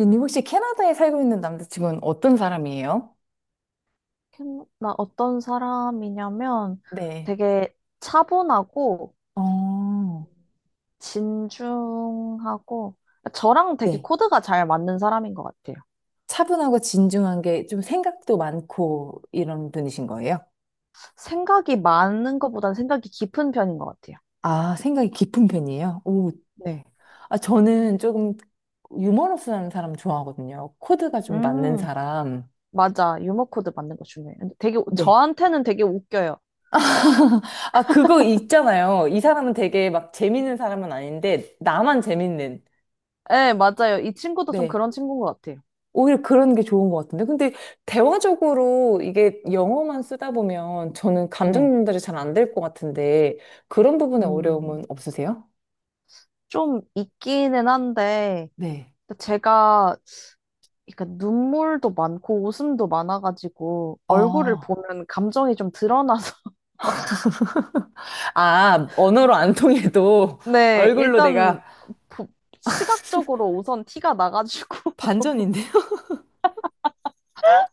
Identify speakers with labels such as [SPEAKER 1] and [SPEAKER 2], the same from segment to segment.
[SPEAKER 1] 님 혹시 캐나다에 살고 있는 남자친구는 어떤 사람이에요?
[SPEAKER 2] 나 어떤 사람이냐면
[SPEAKER 1] 네.
[SPEAKER 2] 되게 차분하고
[SPEAKER 1] 어,
[SPEAKER 2] 진중하고 저랑 되게
[SPEAKER 1] 네.
[SPEAKER 2] 코드가 잘 맞는 사람인 것 같아요.
[SPEAKER 1] 차분하고 진중한 게 좀 생각도 많고 이런 분이신 거예요?
[SPEAKER 2] 생각이 많은 것보다는 생각이 깊은 편인 것 같아요.
[SPEAKER 1] 아, 생각이 깊은 편이에요? 오,
[SPEAKER 2] 네.
[SPEAKER 1] 아, 저는 조금 유머러스한 사람 좋아하거든요. 코드가 좀 맞는
[SPEAKER 2] 음,
[SPEAKER 1] 사람.
[SPEAKER 2] 맞아. 유머 코드 맞는 거 중요해요. 근데 되게
[SPEAKER 1] 네.
[SPEAKER 2] 저한테는 되게 웃겨요.
[SPEAKER 1] 아, 그거 있잖아요. 이 사람은 되게 막 재밌는 사람은 아닌데, 나만 재밌는.
[SPEAKER 2] 네, 맞아요. 이 친구도 좀
[SPEAKER 1] 네.
[SPEAKER 2] 그런 친구인 것 같아요.
[SPEAKER 1] 오히려 그런 게 좋은 것 같은데. 근데 대화적으로 이게 영어만 쓰다 보면 저는 감정
[SPEAKER 2] 네.
[SPEAKER 1] 전달이 잘 안 될 것 같은데 그런 부분에
[SPEAKER 2] 음,
[SPEAKER 1] 어려움은 없으세요?
[SPEAKER 2] 좀 있기는 한데
[SPEAKER 1] 네.
[SPEAKER 2] 제가 그러니까 눈물도 많고 웃음도 많아가지고 얼굴을
[SPEAKER 1] 아,
[SPEAKER 2] 보면 감정이 좀 드러나서
[SPEAKER 1] 아, 언어로 안 통해도
[SPEAKER 2] 네,
[SPEAKER 1] 얼굴로
[SPEAKER 2] 일단
[SPEAKER 1] 내가,
[SPEAKER 2] 보- 시각적으로 우선 티가 나가지고
[SPEAKER 1] 반전인데요?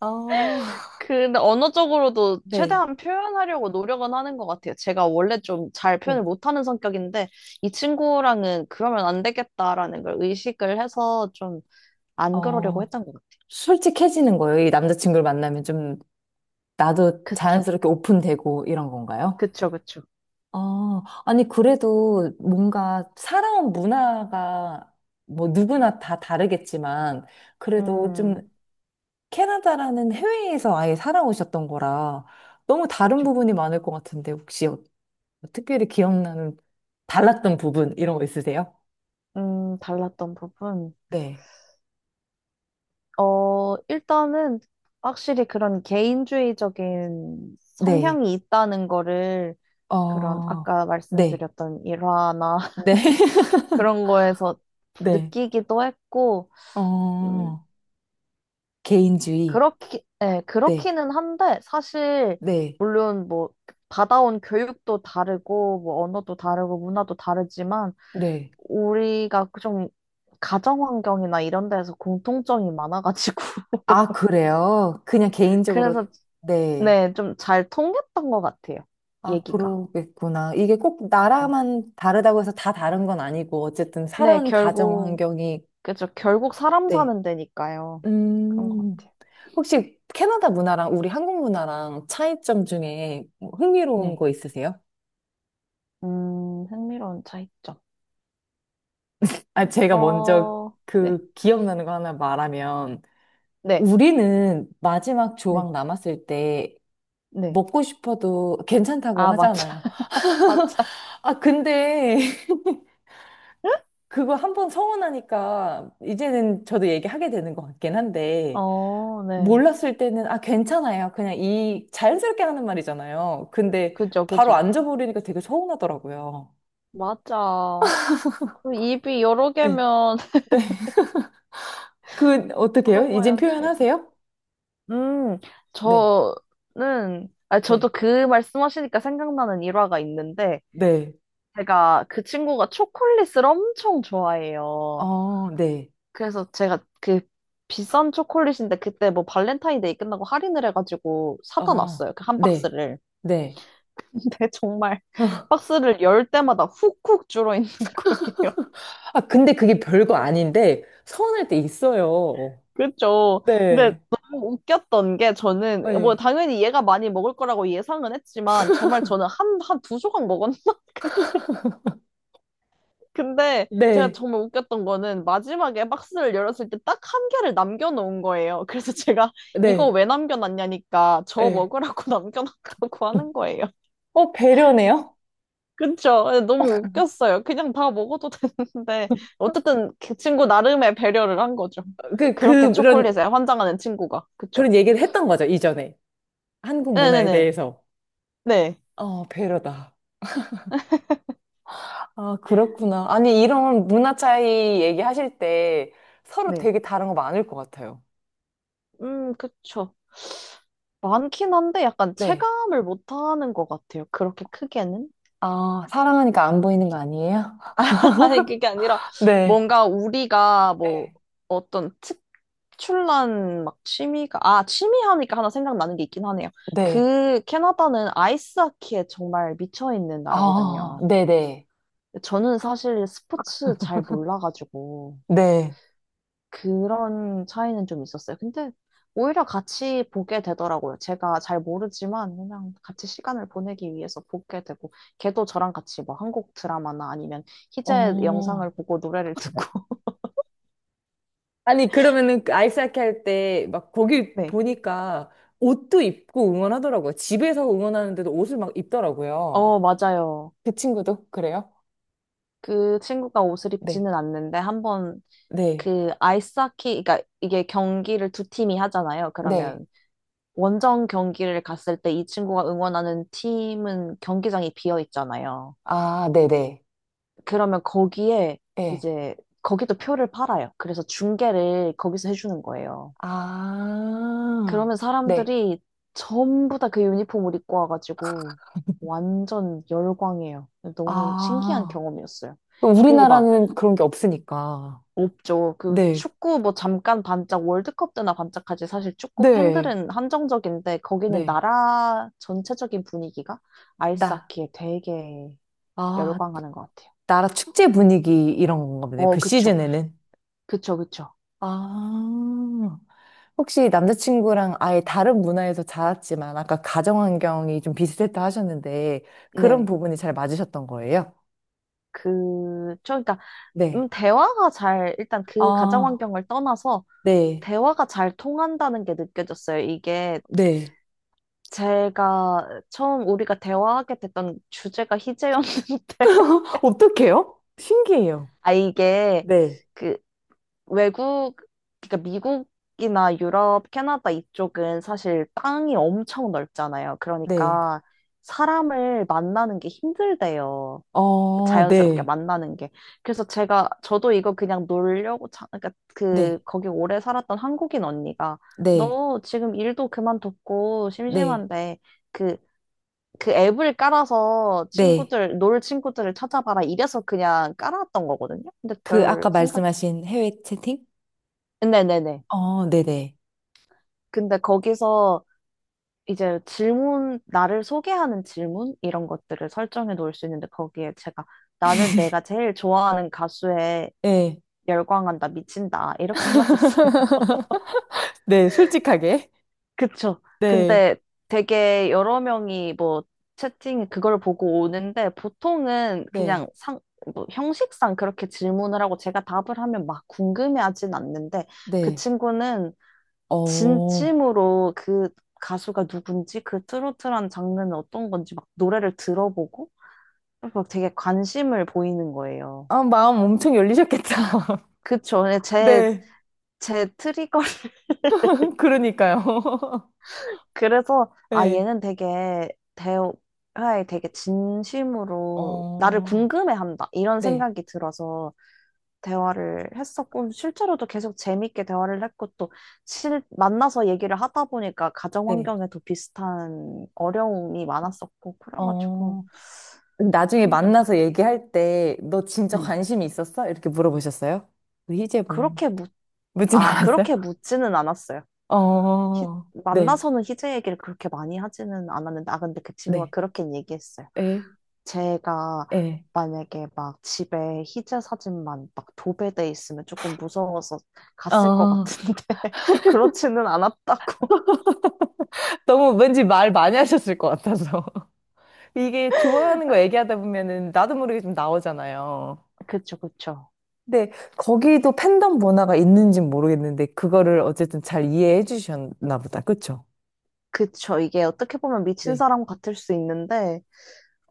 [SPEAKER 1] 아,
[SPEAKER 2] 근데 언어적으로도
[SPEAKER 1] 네.
[SPEAKER 2] 최대한 표현하려고 노력은 하는 것 같아요. 제가 원래 좀 잘 표현을
[SPEAKER 1] 네.
[SPEAKER 2] 못하는 성격인데 이 친구랑은 그러면 안 되겠다라는 걸 의식을 해서 좀 안 그러려고
[SPEAKER 1] 어,
[SPEAKER 2] 했던 것 같아요.
[SPEAKER 1] 솔직해지는 거예요. 이 남자친구를 만나면 좀 나도
[SPEAKER 2] 그쵸,
[SPEAKER 1] 자연스럽게 오픈되고 이런 건가요?
[SPEAKER 2] 그쵸, 그쵸.
[SPEAKER 1] 아, 아니, 그래도 뭔가 살아온 문화가 뭐 누구나 다 다르겠지만, 그래도 좀
[SPEAKER 2] 음,
[SPEAKER 1] 캐나다라는 해외에서 아예 살아오셨던 거라 너무 다른
[SPEAKER 2] 그쵸.
[SPEAKER 1] 부분이 많을 것 같은데, 혹시 특별히 기억나는 달랐던 부분, 이런 거 있으세요?
[SPEAKER 2] 달랐던 부분.
[SPEAKER 1] 네.
[SPEAKER 2] 어, 일단은 확실히 그런 개인주의적인
[SPEAKER 1] 네.
[SPEAKER 2] 성향이 있다는 거를 그런
[SPEAKER 1] 어,
[SPEAKER 2] 아까
[SPEAKER 1] 네.
[SPEAKER 2] 말씀드렸던 일화나
[SPEAKER 1] 네.
[SPEAKER 2] 그런 거에서
[SPEAKER 1] 네.
[SPEAKER 2] 느끼기도 했고, 음,
[SPEAKER 1] 어, 개인주의.
[SPEAKER 2] 그렇기, 예,
[SPEAKER 1] 네.
[SPEAKER 2] 그렇기는 한데, 사실,
[SPEAKER 1] 네.
[SPEAKER 2] 물론 뭐, 받아온 교육도 다르고, 뭐, 언어도 다르고, 문화도 다르지만,
[SPEAKER 1] 네.
[SPEAKER 2] 우리가 좀, 가정 환경이나 이런 데에서 공통점이 많아가지고,
[SPEAKER 1] 아, 그래요? 그냥 개인적으로,
[SPEAKER 2] 그래서
[SPEAKER 1] 네.
[SPEAKER 2] 네, 좀 잘 통했던 것 같아요.
[SPEAKER 1] 아,
[SPEAKER 2] 얘기가.
[SPEAKER 1] 그러겠구나. 이게 꼭
[SPEAKER 2] 음.
[SPEAKER 1] 나라만 다르다고 해서 다 다른 건 아니고, 어쨌든
[SPEAKER 2] 네,
[SPEAKER 1] 살아온 가정
[SPEAKER 2] 결국,
[SPEAKER 1] 환경이,
[SPEAKER 2] 그죠. 결국 사람
[SPEAKER 1] 네.
[SPEAKER 2] 사는 데니까요. 그런 것
[SPEAKER 1] 음,
[SPEAKER 2] 같아요.
[SPEAKER 1] 혹시 캐나다 문화랑 우리 한국 문화랑 차이점 중에 뭐 흥미로운
[SPEAKER 2] 네.
[SPEAKER 1] 거 있으세요?
[SPEAKER 2] 흥미로운 차이점.
[SPEAKER 1] 아, 제가 먼저
[SPEAKER 2] 어, 네,
[SPEAKER 1] 그 기억나는 거 하나 말하면,
[SPEAKER 2] 네,
[SPEAKER 1] 우리는 마지막
[SPEAKER 2] 네.
[SPEAKER 1] 조각 남았을 때
[SPEAKER 2] 네.
[SPEAKER 1] 먹고 싶어도 괜찮다고
[SPEAKER 2] 아, 맞아,
[SPEAKER 1] 하잖아요.
[SPEAKER 2] 맞아.
[SPEAKER 1] 아, 근데 그거 한 번 서운하니까 이제는 저도 얘기하게 되는 것 같긴 한데
[SPEAKER 2] 어, 네.
[SPEAKER 1] 몰랐을 때는 아 괜찮아요. 그냥 이 자연스럽게 하는 말이잖아요. 근데
[SPEAKER 2] 그죠,
[SPEAKER 1] 바로
[SPEAKER 2] 그죠.
[SPEAKER 1] 앉아버리니까 되게 서운하더라고요.
[SPEAKER 2] 맞아. 그 입이 여러
[SPEAKER 1] 네.
[SPEAKER 2] 개면
[SPEAKER 1] 네. 그 어떻게 해요? 이젠
[SPEAKER 2] 물어봐야지.
[SPEAKER 1] 표현하세요?
[SPEAKER 2] 음,
[SPEAKER 1] 네.
[SPEAKER 2] 저는, 아,
[SPEAKER 1] 네.
[SPEAKER 2] 저도 그 말씀하시니까 생각나는 일화가 있는데,
[SPEAKER 1] 네.
[SPEAKER 2] 제가 그 친구가 초콜릿을 엄청 좋아해요.
[SPEAKER 1] 어, 네.
[SPEAKER 2] 그래서 제가 그 비싼 초콜릿인데 그때 뭐 발렌타인데이 끝나고 할인을 해가지고 사다
[SPEAKER 1] 어,
[SPEAKER 2] 놨어요. 그 한
[SPEAKER 1] 네.
[SPEAKER 2] 박스를.
[SPEAKER 1] 네.
[SPEAKER 2] 근데 정말 박스를 열 때마다 훅훅 줄어 있는 거예요.
[SPEAKER 1] 아, 근데 그게 별거 아닌데 서운할 때 있어요.
[SPEAKER 2] 그렇죠. 근데
[SPEAKER 1] 네.
[SPEAKER 2] 너무 웃겼던 게 저는 뭐
[SPEAKER 1] 네.
[SPEAKER 2] 당연히 얘가 많이 먹을 거라고 예상은 했지만 정말 저는 한 두 조각 먹었나? 근데 제가
[SPEAKER 1] 네.
[SPEAKER 2] 정말 웃겼던 거는 마지막에 박스를 열었을 때 딱 한 개를 남겨놓은 거예요. 그래서 제가 이거
[SPEAKER 1] 네.
[SPEAKER 2] 왜 남겨놨냐니까 저
[SPEAKER 1] 네.
[SPEAKER 2] 먹으라고 남겨놨다고 하는 거예요.
[SPEAKER 1] 어, 배려네요?
[SPEAKER 2] 그쵸? 네, 너무 웃겼어요. 그냥 다 먹어도 되는데 어쨌든 그 친구 나름의 배려를 한 거죠.
[SPEAKER 1] 그,
[SPEAKER 2] 그렇게
[SPEAKER 1] 그, 그런,
[SPEAKER 2] 초콜릿에 환장하는 친구가. 그쵸?
[SPEAKER 1] 그런 얘기를 했던 거죠, 이전에. 한국 문화에
[SPEAKER 2] 네네네.
[SPEAKER 1] 대해서.
[SPEAKER 2] 네.
[SPEAKER 1] 어, 배려다. 아, 그렇구나. 아니, 이런 문화 차이 얘기하실 때 서로
[SPEAKER 2] 네.
[SPEAKER 1] 되게 다른 거 많을 것 같아요.
[SPEAKER 2] 그쵸. 많긴 한데 약간
[SPEAKER 1] 네.
[SPEAKER 2] 체감을 못하는 것 같아요. 그렇게 크게는.
[SPEAKER 1] 아, 사랑하니까 안 보이는 거 아니에요?
[SPEAKER 2] 아니, 그게 아니라,
[SPEAKER 1] 네.
[SPEAKER 2] 뭔가 우리가 뭐,
[SPEAKER 1] 네.
[SPEAKER 2] 어떤 특출난 막 취미가, 아, 취미 하니까 하나 생각나는 게 있긴 하네요.
[SPEAKER 1] 네.
[SPEAKER 2] 그, 캐나다는 아이스하키에 정말 미쳐있는
[SPEAKER 1] 아,
[SPEAKER 2] 나라거든요.
[SPEAKER 1] 네네.
[SPEAKER 2] 저는 사실 스포츠 잘 몰라가지고,
[SPEAKER 1] 네.
[SPEAKER 2] 그런 차이는 좀 있었어요. 근데, 오히려 같이 보게 되더라고요. 제가 잘 모르지만, 그냥 같이 시간을 보내기 위해서 보게 되고, 걔도 저랑 같이 뭐 한국 드라마나 아니면 희재 영상을
[SPEAKER 1] 어,
[SPEAKER 2] 보고 노래를 듣고,
[SPEAKER 1] 아니, 그러면은 그 아이스하키 할 때 막 거기
[SPEAKER 2] 네.
[SPEAKER 1] 보니까 옷도 입고 응원하더라고요. 집에서 응원하는데도 옷을 막 입더라고요.
[SPEAKER 2] 어, 맞아요.
[SPEAKER 1] 그 친구도 그래요?
[SPEAKER 2] 그 친구가 옷을
[SPEAKER 1] 네,
[SPEAKER 2] 입지는 않는데 한 번
[SPEAKER 1] 네,
[SPEAKER 2] 그 아이스하키, 그러니까 이게 경기를 두 팀이 하잖아요.
[SPEAKER 1] 네.
[SPEAKER 2] 그러면 원정 경기를 갔을 때 이 친구가 응원하는 팀은 경기장이 비어 있잖아요.
[SPEAKER 1] 아, 네네.
[SPEAKER 2] 그러면 거기에
[SPEAKER 1] 예.
[SPEAKER 2] 이제 거기도 표를 팔아요. 그래서 중계를 거기서 해주는 거예요.
[SPEAKER 1] 아,
[SPEAKER 2] 그러면
[SPEAKER 1] 네.
[SPEAKER 2] 사람들이 전부 다 그 유니폼을 입고 와가지고 완전 열광해요. 너무 신기한
[SPEAKER 1] 아.
[SPEAKER 2] 경험이었어요.
[SPEAKER 1] 그럼
[SPEAKER 2] 그리고 막
[SPEAKER 1] 우리나라는 그런 게 없으니까.
[SPEAKER 2] 없죠. 그
[SPEAKER 1] 네,
[SPEAKER 2] 축구 뭐 잠깐 반짝 월드컵 때나 반짝하지 사실 축구
[SPEAKER 1] 네,
[SPEAKER 2] 팬들은 한정적인데 거기는
[SPEAKER 1] 네.
[SPEAKER 2] 나라 전체적인 분위기가
[SPEAKER 1] 나,
[SPEAKER 2] 아이스하키에 되게
[SPEAKER 1] 아,
[SPEAKER 2] 열광하는 것 같아요.
[SPEAKER 1] 나라 축제 분위기 이런 건가 보네.
[SPEAKER 2] 어,
[SPEAKER 1] 그
[SPEAKER 2] 그쵸.
[SPEAKER 1] 시즌에는.
[SPEAKER 2] 그쵸, 그쵸.
[SPEAKER 1] 아, 혹시 남자친구랑 아예 다른 문화에서 자랐지만 아까 가정환경이 좀 비슷했다 하셨는데 그런
[SPEAKER 2] 네.
[SPEAKER 1] 부분이 잘 맞으셨던 거예요?
[SPEAKER 2] 그쵸. 그러니까
[SPEAKER 1] 네.
[SPEAKER 2] 대화가 잘 일단 그 가정
[SPEAKER 1] 아,
[SPEAKER 2] 환경을 떠나서
[SPEAKER 1] 네.
[SPEAKER 2] 대화가 잘 통한다는 게 느껴졌어요. 이게
[SPEAKER 1] 네,
[SPEAKER 2] 제가 처음 우리가 대화하게 됐던 주제가 희재였는데
[SPEAKER 1] 어떡해요? 신기해요.
[SPEAKER 2] 아 이게
[SPEAKER 1] 네.
[SPEAKER 2] 그 외국, 그러니까 미국이나 유럽, 캐나다 이쪽은 사실 땅이 엄청 넓잖아요.
[SPEAKER 1] 네,
[SPEAKER 2] 그러니까 사람을 만나는 게 힘들대요.
[SPEAKER 1] 어,
[SPEAKER 2] 자연스럽게
[SPEAKER 1] 네,
[SPEAKER 2] 만나는 게. 그래서 제가, 저도 이거 그냥 놀려고, 자, 그러니까 그,
[SPEAKER 1] 네,
[SPEAKER 2] 거기 오래 살았던 한국인 언니가
[SPEAKER 1] 네,
[SPEAKER 2] 너 지금 일도 그만뒀고
[SPEAKER 1] 네,
[SPEAKER 2] 심심한데 그, 그 앱을 깔아서
[SPEAKER 1] 네.
[SPEAKER 2] 친구들, 놀 친구들을 찾아봐라. 이래서 그냥 깔아왔던 거거든요. 근데
[SPEAKER 1] 그 아까
[SPEAKER 2] 별 생각,
[SPEAKER 1] 말씀하신 해외 채팅?
[SPEAKER 2] 네네네.
[SPEAKER 1] 어, 네네.
[SPEAKER 2] 근데 거기서 이제 질문, 나를 소개하는 질문? 이런 것들을 설정해 놓을 수 있는데 거기에 제가 나는 내가 제일 좋아하는 가수에
[SPEAKER 1] 네,
[SPEAKER 2] 열광한다, 미친다. 이렇게 해놨었어요.
[SPEAKER 1] 네, 솔직하게.
[SPEAKER 2] 그쵸.
[SPEAKER 1] 네,
[SPEAKER 2] 근데 되게 여러 명이 뭐 채팅 그걸 보고 오는데 보통은
[SPEAKER 1] 네,
[SPEAKER 2] 그냥 상, 뭐 형식상 그렇게 질문을 하고 제가 답을 하면 막 궁금해하진 않는데 그
[SPEAKER 1] 네.
[SPEAKER 2] 친구는
[SPEAKER 1] 어,
[SPEAKER 2] 진심으로 그 가수가 누군지 그 트로트라는 장르는 어떤 건지 막 노래를 들어보고 막 되게 관심을 보이는 거예요.
[SPEAKER 1] 아, 마음 엄청 열리셨겠다.
[SPEAKER 2] 그쵸. 제,
[SPEAKER 1] 네,
[SPEAKER 2] 제 트리거.
[SPEAKER 1] 그러니까요.
[SPEAKER 2] 그래서 아,
[SPEAKER 1] 네,
[SPEAKER 2] 얘는 되게 대화에 되게 진심으로 나를
[SPEAKER 1] 어,
[SPEAKER 2] 궁금해한다. 이런
[SPEAKER 1] 네,
[SPEAKER 2] 생각이 들어서 대화를 했었고, 실제로도 계속 재밌게 대화를 했고, 또 실, 만나서 얘기를 하다 보니까 가정
[SPEAKER 1] 네,
[SPEAKER 2] 환경에도 비슷한 어려움이 많았었고, 그래가지고.
[SPEAKER 1] 어. 나중에
[SPEAKER 2] 통했던 것
[SPEAKER 1] 만나서
[SPEAKER 2] 같아요.
[SPEAKER 1] 얘기할 때, 너 진짜
[SPEAKER 2] 네.
[SPEAKER 1] 관심이 있었어? 이렇게 물어보셨어요? 우리 희재분.
[SPEAKER 2] 그렇게 묻,
[SPEAKER 1] 묻진
[SPEAKER 2] 아,
[SPEAKER 1] 않았어요?
[SPEAKER 2] 그렇게 묻지는 않았어요. 희-
[SPEAKER 1] 어, 네,
[SPEAKER 2] 만나서는 희재 얘기를 그렇게 많이 하지는 않았는데, 아, 근데 그 친구가
[SPEAKER 1] 네,
[SPEAKER 2] 그렇게 얘기했어요.
[SPEAKER 1] 에,
[SPEAKER 2] 제가
[SPEAKER 1] 에,
[SPEAKER 2] 만약에 막 집에 희재 사진만 막 도배돼 있으면 조금 무서워서 갔을 것
[SPEAKER 1] 어.
[SPEAKER 2] 같은데, 그렇지는 않았다고.
[SPEAKER 1] 너무 왠지 말 많이 하셨을 것 같아서. 이게 좋아하는 거 얘기하다 보면은 나도 모르게 좀 나오잖아요.
[SPEAKER 2] 그쵸, 그쵸.
[SPEAKER 1] 근데 거기도 팬덤 문화가 있는진 모르겠는데, 그거를 어쨌든 잘 이해해 주셨나 보다. 그쵸?
[SPEAKER 2] 그쵸. 이게 어떻게 보면 미친
[SPEAKER 1] 네,
[SPEAKER 2] 사람 같을 수 있는데,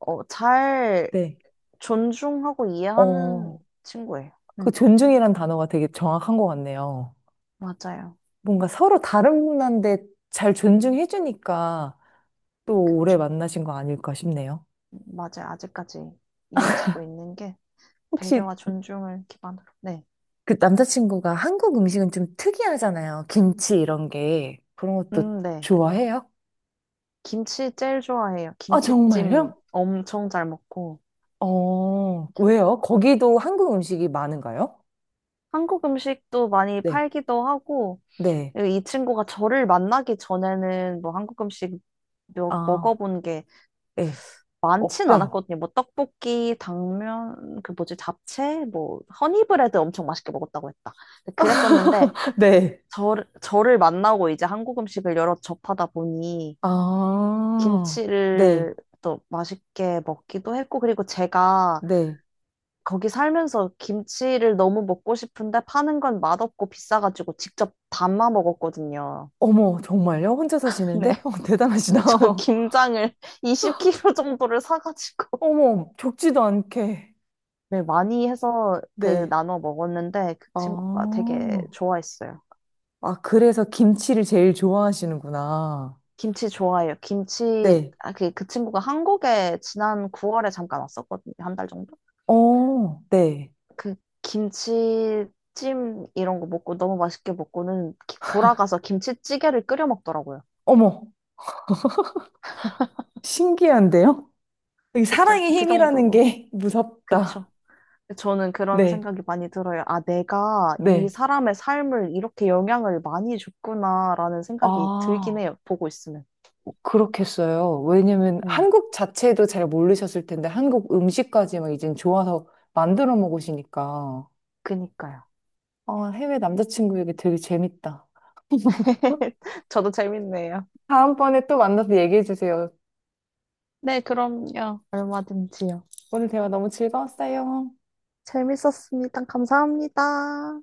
[SPEAKER 2] 어, 잘
[SPEAKER 1] 네.
[SPEAKER 2] 존중하고 이해하는
[SPEAKER 1] 어,
[SPEAKER 2] 친구예요.
[SPEAKER 1] 그
[SPEAKER 2] 네.
[SPEAKER 1] 존중이란 단어가 되게 정확한 것 같네요.
[SPEAKER 2] 맞아요.
[SPEAKER 1] 뭔가 서로 다른데 분한잘 존중해주니까 또 오래 만나신 거 아닐까 싶네요.
[SPEAKER 2] 맞아요. 아직까지 이어지고 있는 게
[SPEAKER 1] 혹시
[SPEAKER 2] 배려와 존중을 기반으로. 네.
[SPEAKER 1] 그 남자친구가 한국 음식은 좀 특이하잖아요. 김치 이런 게. 그런 것도
[SPEAKER 2] 네.
[SPEAKER 1] 좋아해요?
[SPEAKER 2] 김치 제일 좋아해요.
[SPEAKER 1] 아,
[SPEAKER 2] 김치찜
[SPEAKER 1] 정말요?
[SPEAKER 2] 엄청 잘 먹고.
[SPEAKER 1] 어, 왜요? 거기도 한국 음식이 많은가요?
[SPEAKER 2] 한국 음식도 많이
[SPEAKER 1] 네.
[SPEAKER 2] 팔기도 하고,
[SPEAKER 1] 네.
[SPEAKER 2] 이 친구가 저를 만나기 전에는 뭐 한국 음식
[SPEAKER 1] 아,
[SPEAKER 2] 먹어본 게
[SPEAKER 1] 네.
[SPEAKER 2] 많진
[SPEAKER 1] 없죠?
[SPEAKER 2] 않았거든요. 뭐 떡볶이, 당면, 그 뭐지, 잡채, 뭐 허니브레드 엄청 맛있게 먹었다고 했다. 그랬었는데,
[SPEAKER 1] 네.
[SPEAKER 2] 저를 만나고 이제 한국 음식을 여러 접하다 보니,
[SPEAKER 1] 아, 네.
[SPEAKER 2] 김치를 또 맛있게 먹기도 했고, 그리고 제가
[SPEAKER 1] 네.
[SPEAKER 2] 거기 살면서 김치를 너무 먹고 싶은데 파는 건 맛없고 비싸가지고 직접 담아 먹었거든요.
[SPEAKER 1] 어머, 정말요? 혼자
[SPEAKER 2] 네.
[SPEAKER 1] 사시는데? 어, 대단하시다.
[SPEAKER 2] 네, 저 김장을 20kg 정도를 사가지고
[SPEAKER 1] 어머, 적지도 않게.
[SPEAKER 2] 네, 많이 해서 그
[SPEAKER 1] 네.
[SPEAKER 2] 나눠 먹었는데 그 친구가
[SPEAKER 1] 아,
[SPEAKER 2] 되게 좋아했어요.
[SPEAKER 1] 아, 그래서 김치를 제일 좋아하시는구나.
[SPEAKER 2] 김치 좋아해요. 김치,
[SPEAKER 1] 네.
[SPEAKER 2] 아, 그, 그 친구가 한국에 지난 9월에 잠깐 왔었거든요. 한 달 정도?
[SPEAKER 1] 어, 네.
[SPEAKER 2] 그 김치찜 이런 거 먹고 너무 맛있게 먹고는 돌아가서 김치찌개를 끓여 먹더라고요.
[SPEAKER 1] 어머, 신기한데요? 이
[SPEAKER 2] 그쵸?
[SPEAKER 1] 사랑의
[SPEAKER 2] 그
[SPEAKER 1] 힘이라는
[SPEAKER 2] 정도로.
[SPEAKER 1] 게 무섭다.
[SPEAKER 2] 그쵸? 저는 그런
[SPEAKER 1] 네,
[SPEAKER 2] 생각이 많이 들어요. 아, 내가 이
[SPEAKER 1] 네.
[SPEAKER 2] 사람의 삶을 이렇게 영향을 많이 줬구나라는 생각이 들긴
[SPEAKER 1] 아,
[SPEAKER 2] 해요. 보고 있으면.
[SPEAKER 1] 그렇겠어요. 왜냐면
[SPEAKER 2] 네,
[SPEAKER 1] 한국 자체도 잘 모르셨을 텐데 한국 음식까지 막 이젠 좋아서 만들어 먹으시니까.
[SPEAKER 2] 그니까요.
[SPEAKER 1] 아, 해외 남자친구에게 되게 재밌다.
[SPEAKER 2] 저도 재밌네요.
[SPEAKER 1] 다음번에 또 만나서 얘기해 주세요.
[SPEAKER 2] 네, 그럼요. 얼마든지요.
[SPEAKER 1] 오늘 대화 너무 즐거웠어요.
[SPEAKER 2] 재밌었습니다. 감사합니다.